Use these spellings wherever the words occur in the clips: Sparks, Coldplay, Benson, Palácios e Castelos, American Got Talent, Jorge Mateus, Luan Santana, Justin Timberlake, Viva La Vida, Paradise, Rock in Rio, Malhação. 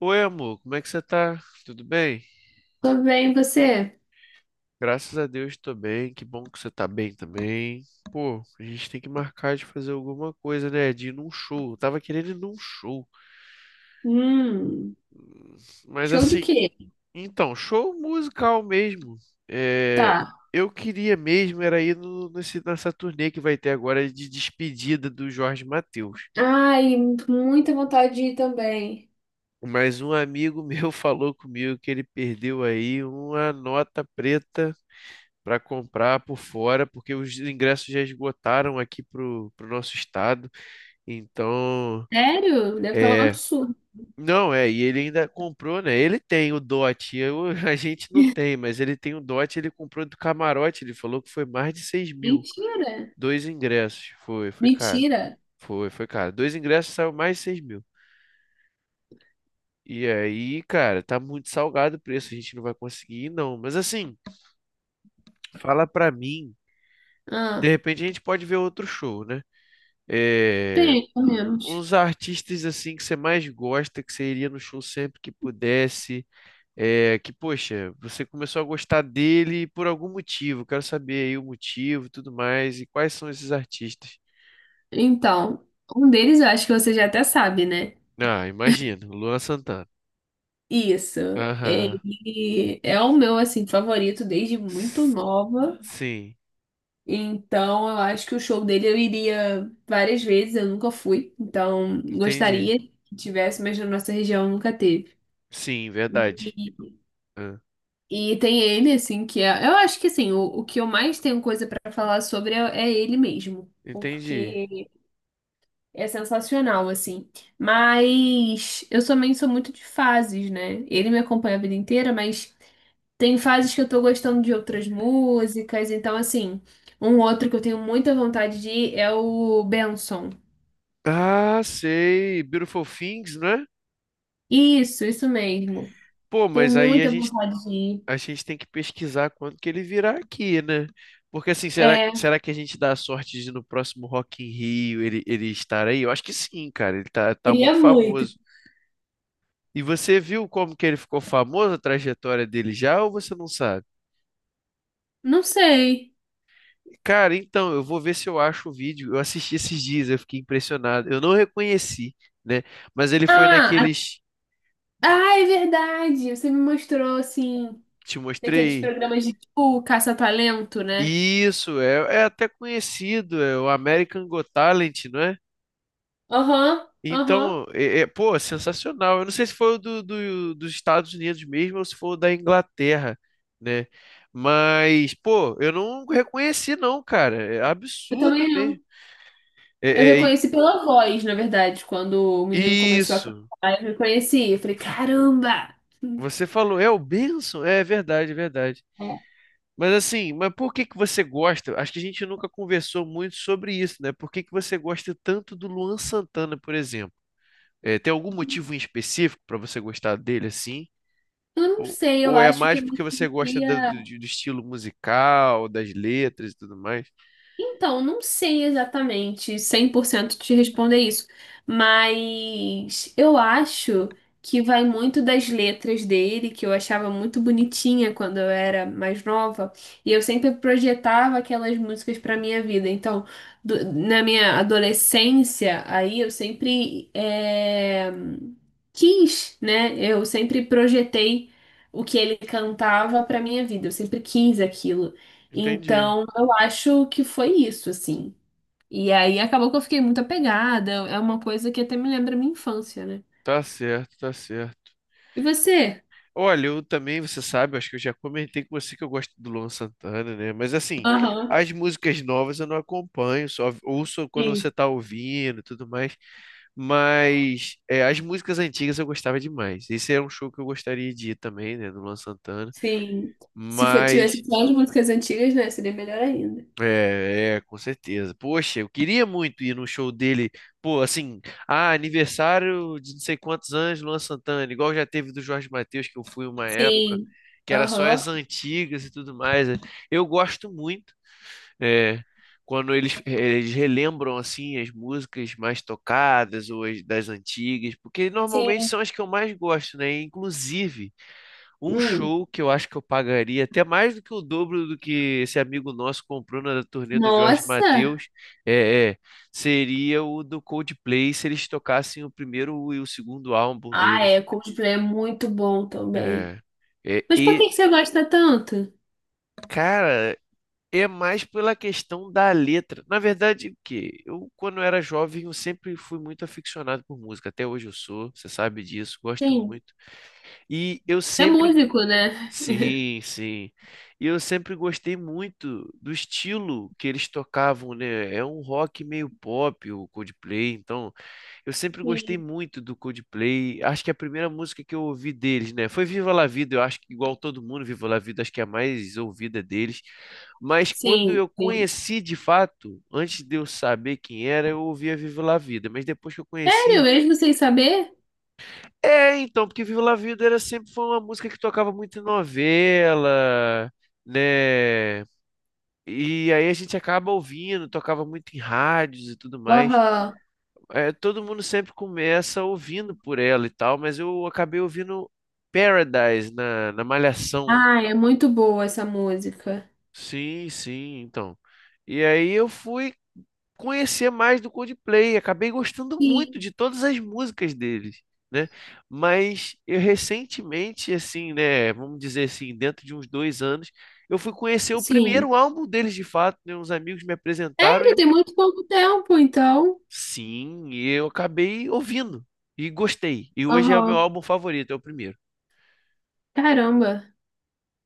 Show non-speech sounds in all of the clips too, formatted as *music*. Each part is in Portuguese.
Oi, amor, como é que você tá? Tudo bem? Tudo bem, você? Graças a Deus, tô bem, que bom que você tá bem também. Pô, a gente tem que marcar de fazer alguma coisa, né? De ir num show. Eu tava querendo ir num show. Hum, Mas show de assim, quê? então, show musical mesmo. É, Tá. eu queria mesmo era ir no, nesse, nessa turnê que vai ter agora de despedida do Jorge Mateus. Ai, muita vontade de ir também. Mas um amigo meu *laughs* falou comigo que ele perdeu aí uma nota preta para comprar por fora, porque os ingressos já esgotaram aqui pro nosso estado. Então, Sério? Deve estar um é. absurdo. Não, é, e ele ainda comprou, né? Ele tem o dote, eu, *laughs* a gente não tem, mas ele tem o dote, ele comprou do camarote, ele falou que foi mais de 6 mil, Mentira. dois ingressos, foi caro, Mentira. foi caro, dois ingressos saiu mais de 6 mil, e aí, cara, tá muito salgado o preço, a gente não vai conseguir ir, não. Mas assim, fala pra mim, de Ah, repente a gente pode ver outro show, né? É, bem, pelo menos. os artistas assim que você mais gosta, que você iria no show sempre que pudesse, é, que poxa, você começou a gostar dele por algum motivo, quero saber aí o motivo, e tudo mais, e quais são esses artistas? Então, um deles eu acho que você já até sabe, né? Ah, imagino, Luan Santana. Isso. Aham. Ele é o meu, assim, favorito desde muito S- nova. Sim, Então, eu acho que o show dele eu iria várias vezes, eu nunca fui. Então, entendi. gostaria que tivesse, mas na nossa região nunca teve. Sim, verdade. E, Ah, e tem ele, assim, que é. Eu acho que, assim, o, que eu mais tenho coisa pra falar sobre é, ele mesmo. entendi. Porque é sensacional, assim. Mas eu também sou muito de fases, né? Ele me acompanha a vida inteira, mas. Tem fases que eu tô gostando de outras músicas, então assim, um outro que eu tenho muita vontade de ir é o Benson. Ah, sei, Beautiful Things, né? Isso mesmo. Pô, Tenho mas aí a muita gente vontade de ir. a gente tem que pesquisar quando que ele virá aqui, né? Porque assim, será, É, será que a gente dá a sorte de no próximo Rock in Rio ele estar aí? Eu acho que sim, cara. Ele tá queria muito muito. famoso. E você viu como que ele ficou famoso, a trajetória dele já, ou você não sabe? Não sei. Cara, então, eu vou ver se eu acho o vídeo. Eu assisti esses dias, eu fiquei impressionado. Eu não reconheci, né? Mas ele foi Ah, a- naqueles ah, é verdade. Você me mostrou assim, que te daqueles mostrei. programas de tipo caça-talento, né? Isso, é, é até conhecido, é o American Got Talent, não é? Aham, aham. Então, pô, sensacional. Eu não sei se foi o do dos Estados Unidos mesmo ou se foi o da Inglaterra, né? Mas, pô, eu não reconheci, não, cara. É Eu absurdo também não. mesmo. É, Eu é- reconheci pela voz, na verdade, quando o menino começou a isso. cantar, eu reconheci. Eu falei, caramba! Você falou, é o Benson? É verdade, é verdade. Mas assim, mas por que que você gosta? Acho que a gente nunca conversou muito sobre isso, né? Por que que você gosta tanto do Luan Santana, por exemplo? É, tem algum motivo em específico para você gostar dele assim? Eu não sei, eu Ou é acho que mais eu porque me você gosta da- sentia. do, de- do estilo musical, das letras e tudo mais? Então, não sei exatamente 100% te responder isso, mas eu acho que vai muito das letras dele, que eu achava muito bonitinha quando eu era mais nova, e eu sempre projetava aquelas músicas para minha vida. Então, na minha adolescência, aí eu sempre quis, né? Eu sempre projetei o que ele cantava para minha vida, eu sempre quis aquilo. Entendi. Então, eu acho que foi isso, assim. E aí acabou que eu fiquei muito apegada. É uma coisa que até me lembra a minha infância, né? Tá certo, tá certo. E você? Olha, eu também, você sabe, acho que eu já comentei com você que eu gosto do Luan Santana, né? Mas assim, Aham. as músicas novas eu não acompanho, só ouço quando você Sim, tá ouvindo e tudo mais. Mas é, as músicas antigas eu gostava demais. Esse era um show que eu gostaria de ir também, né? Do Luan Santana. sim. Se for- Mas, Tivesse só as músicas antigas, né? Seria melhor ainda. é, é, com certeza. Poxa, eu queria muito ir no show dele. Pô, assim, ah, aniversário de não sei quantos anos, Luan Santana, igual já teve do Jorge Mateus, que eu fui uma época, Sim. que era só Aham. as antigas e tudo mais, né? Eu gosto muito, é, quando eles relembram, assim, as músicas mais tocadas ou as das antigas, porque normalmente Sim. são as que eu mais gosto, né? Inclusive. Um Hum. show que eu acho que eu pagaria até mais do que o dobro do que esse amigo nosso comprou na turnê do Jorge Nossa! Mateus, é, é, seria o do Coldplay se eles tocassem o primeiro e o segundo álbum Ah, deles. é. Coldplay é muito bom também. É, é, Mas por e, que que você gosta tanto? cara, é mais pela questão da letra. Na verdade, o que eu, quando era jovem, eu sempre fui muito aficionado por música. Até hoje eu sou, você sabe disso, gosto Sim. muito. E eu É sempre músico, né? Sim, sim. E eu sempre gostei muito do estilo que eles tocavam, né? É um rock meio pop, o Coldplay. Então, eu sempre gostei Sim. muito do Coldplay. Acho que a primeira música que eu ouvi deles, né? Foi Viva La Vida. Eu acho que, igual todo mundo, Viva La Vida, acho que é a mais ouvida deles. Mas quando Sim, eu sim. conheci de fato, antes de eu saber quem era, eu ouvia Viva La Vida. Mas depois que eu Sério, conheci. mesmo sem saber? É, então, porque Viva La Vida era sempre foi uma música que tocava muito em novela, né? E aí a gente acaba ouvindo, tocava muito em rádios e tudo mais. Aham. É, todo mundo sempre começa ouvindo por ela e tal, mas eu acabei ouvindo Paradise na Malhação. Ah, é muito boa essa música. Sim, sim, então. E aí eu fui conhecer mais do Coldplay. Acabei gostando muito Sim, de todas as músicas deles, né? Mas eu recentemente, assim, né? Vamos dizer assim, dentro de uns 2 anos, eu fui conhecer o sim. primeiro álbum deles de fato, né? Uns amigos me apresentaram Sério, e tem muito pouco tempo, então. sim, eu acabei ouvindo e gostei. E hoje é o meu Aham. álbum favorito, é o primeiro, Caramba,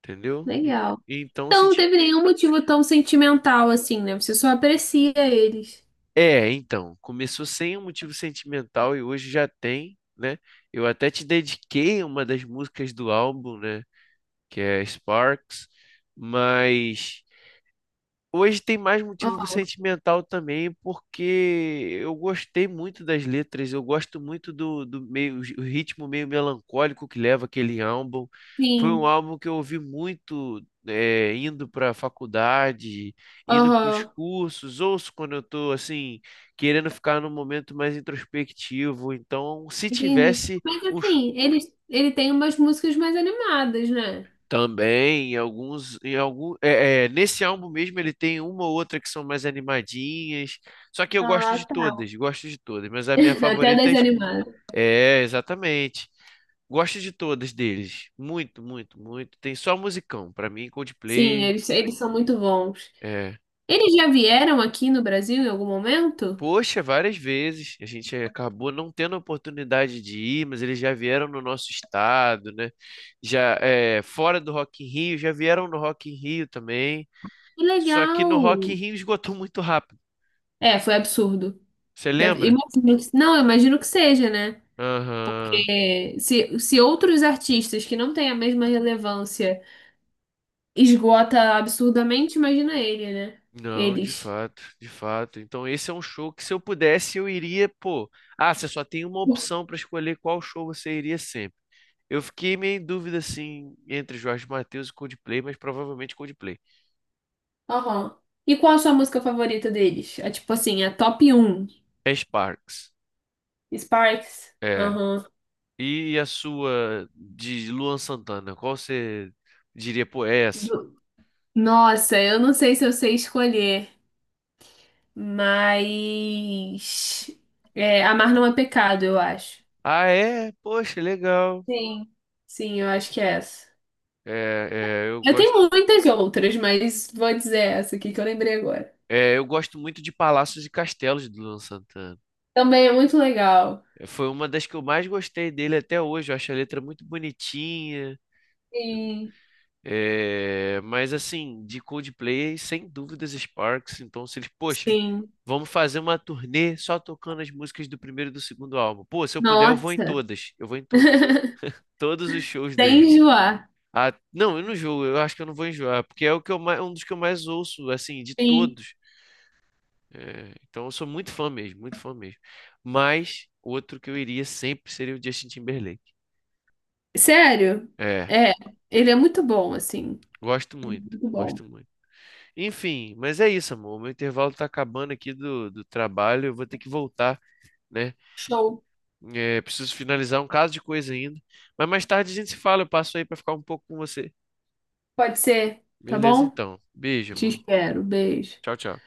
entendeu? E- legal. Então, se Então, não teve nenhum motivo tão sentimental assim, né? Você só aprecia eles. É, então, começou sem um motivo sentimental e hoje já tem, né? Eu até te dediquei uma das músicas do álbum, né? Que é Sparks, mas hoje tem mais motivo Aham, sentimental também, porque eu gostei muito das letras, eu gosto muito do, do meio, o ritmo meio melancólico que leva aquele álbum. Foi um sim. álbum que eu ouvi muito indo para a faculdade, indo para os Aham. cursos, ouço quando eu estou assim, querendo ficar num momento mais introspectivo. Então, se Entendi. tivesse Mas um assim, ele tem umas músicas mais animadas, né? Também, em alguns, em algum, é, é, nesse álbum mesmo ele tem uma ou outra que são mais animadinhas. Só que eu Ah, tá. Gosto de todas, mas a minha *laughs* Até favorita é, das animadas. é, exatamente. Gosto de todas deles, muito, muito, muito. Tem só musicão, pra mim Sim, Coldplay, eles são muito bons. é. Eles já vieram aqui no Brasil em algum momento? Poxa, várias vezes a gente acabou não tendo a oportunidade de ir, mas eles já vieram no nosso estado, né? Já é, fora do Rock in Rio, já vieram no Rock in Rio também. Que Só que legal! no Rock in Rio esgotou muito rápido. É, foi absurdo. Você Deve, lembra? imagino não, eu imagino que seja, né? Aham. É, se outros artistas que não têm a mesma relevância esgota absurdamente, imagina ele, né? Não, de Eles. fato, de fato. Então esse é um show que se eu pudesse eu iria, pô. Ah, você só tem uma opção para escolher qual show você iria sempre. Eu fiquei meio em dúvida assim entre Jorge Mateus e Coldplay, mas provavelmente Coldplay. Aham. E qual a sua música favorita deles? É tipo assim, a top 1. É Sparks. Sparks? É. Aham. E a sua de Luan Santana, qual você diria, pô, é essa? Do- Nossa, eu não sei se eu sei escolher, mas. É, Amar não é pecado, eu acho. Ah, é? Poxa, legal. Sim. Sim, eu acho que é essa. É, é, eu Eu tenho gosto. muitas outras, mas vou dizer essa aqui que eu lembrei agora. É, eu gosto muito de Palácios e Castelos do Luan Santana. Também é muito legal. É, foi uma das que eu mais gostei dele até hoje. Eu acho a letra muito bonitinha. Sim, É, mas assim, de Coldplay, sem dúvidas Sparks. Então, se eles, poxa, sim. vamos fazer uma turnê só tocando as músicas do primeiro e do segundo álbum. Pô, se eu puder, eu vou em Nossa. todas. Eu vou em todas. *laughs* Todos os shows Sem dele. enjoar. Ah, não, eu não jogo, eu acho que eu não vou enjoar, porque é o que eu mais, um dos que eu mais ouço, assim, de Sim. todos. É, então eu sou muito fã mesmo, muito fã mesmo. Mas outro que eu iria sempre seria o Justin Timberlake. Sério? É, É, ele é muito bom, assim. gosto Ele é muito, muito bom. gosto muito. Enfim, mas é isso, amor. O meu intervalo tá acabando aqui do trabalho, eu vou ter que voltar, né? Show. É, preciso finalizar um caso de coisa ainda. Mas mais tarde a gente se fala, eu passo aí pra ficar um pouco com você. Pode ser, tá Beleza, bom? então. Beijo, Te amor. espero. Beijo. Tchau, tchau.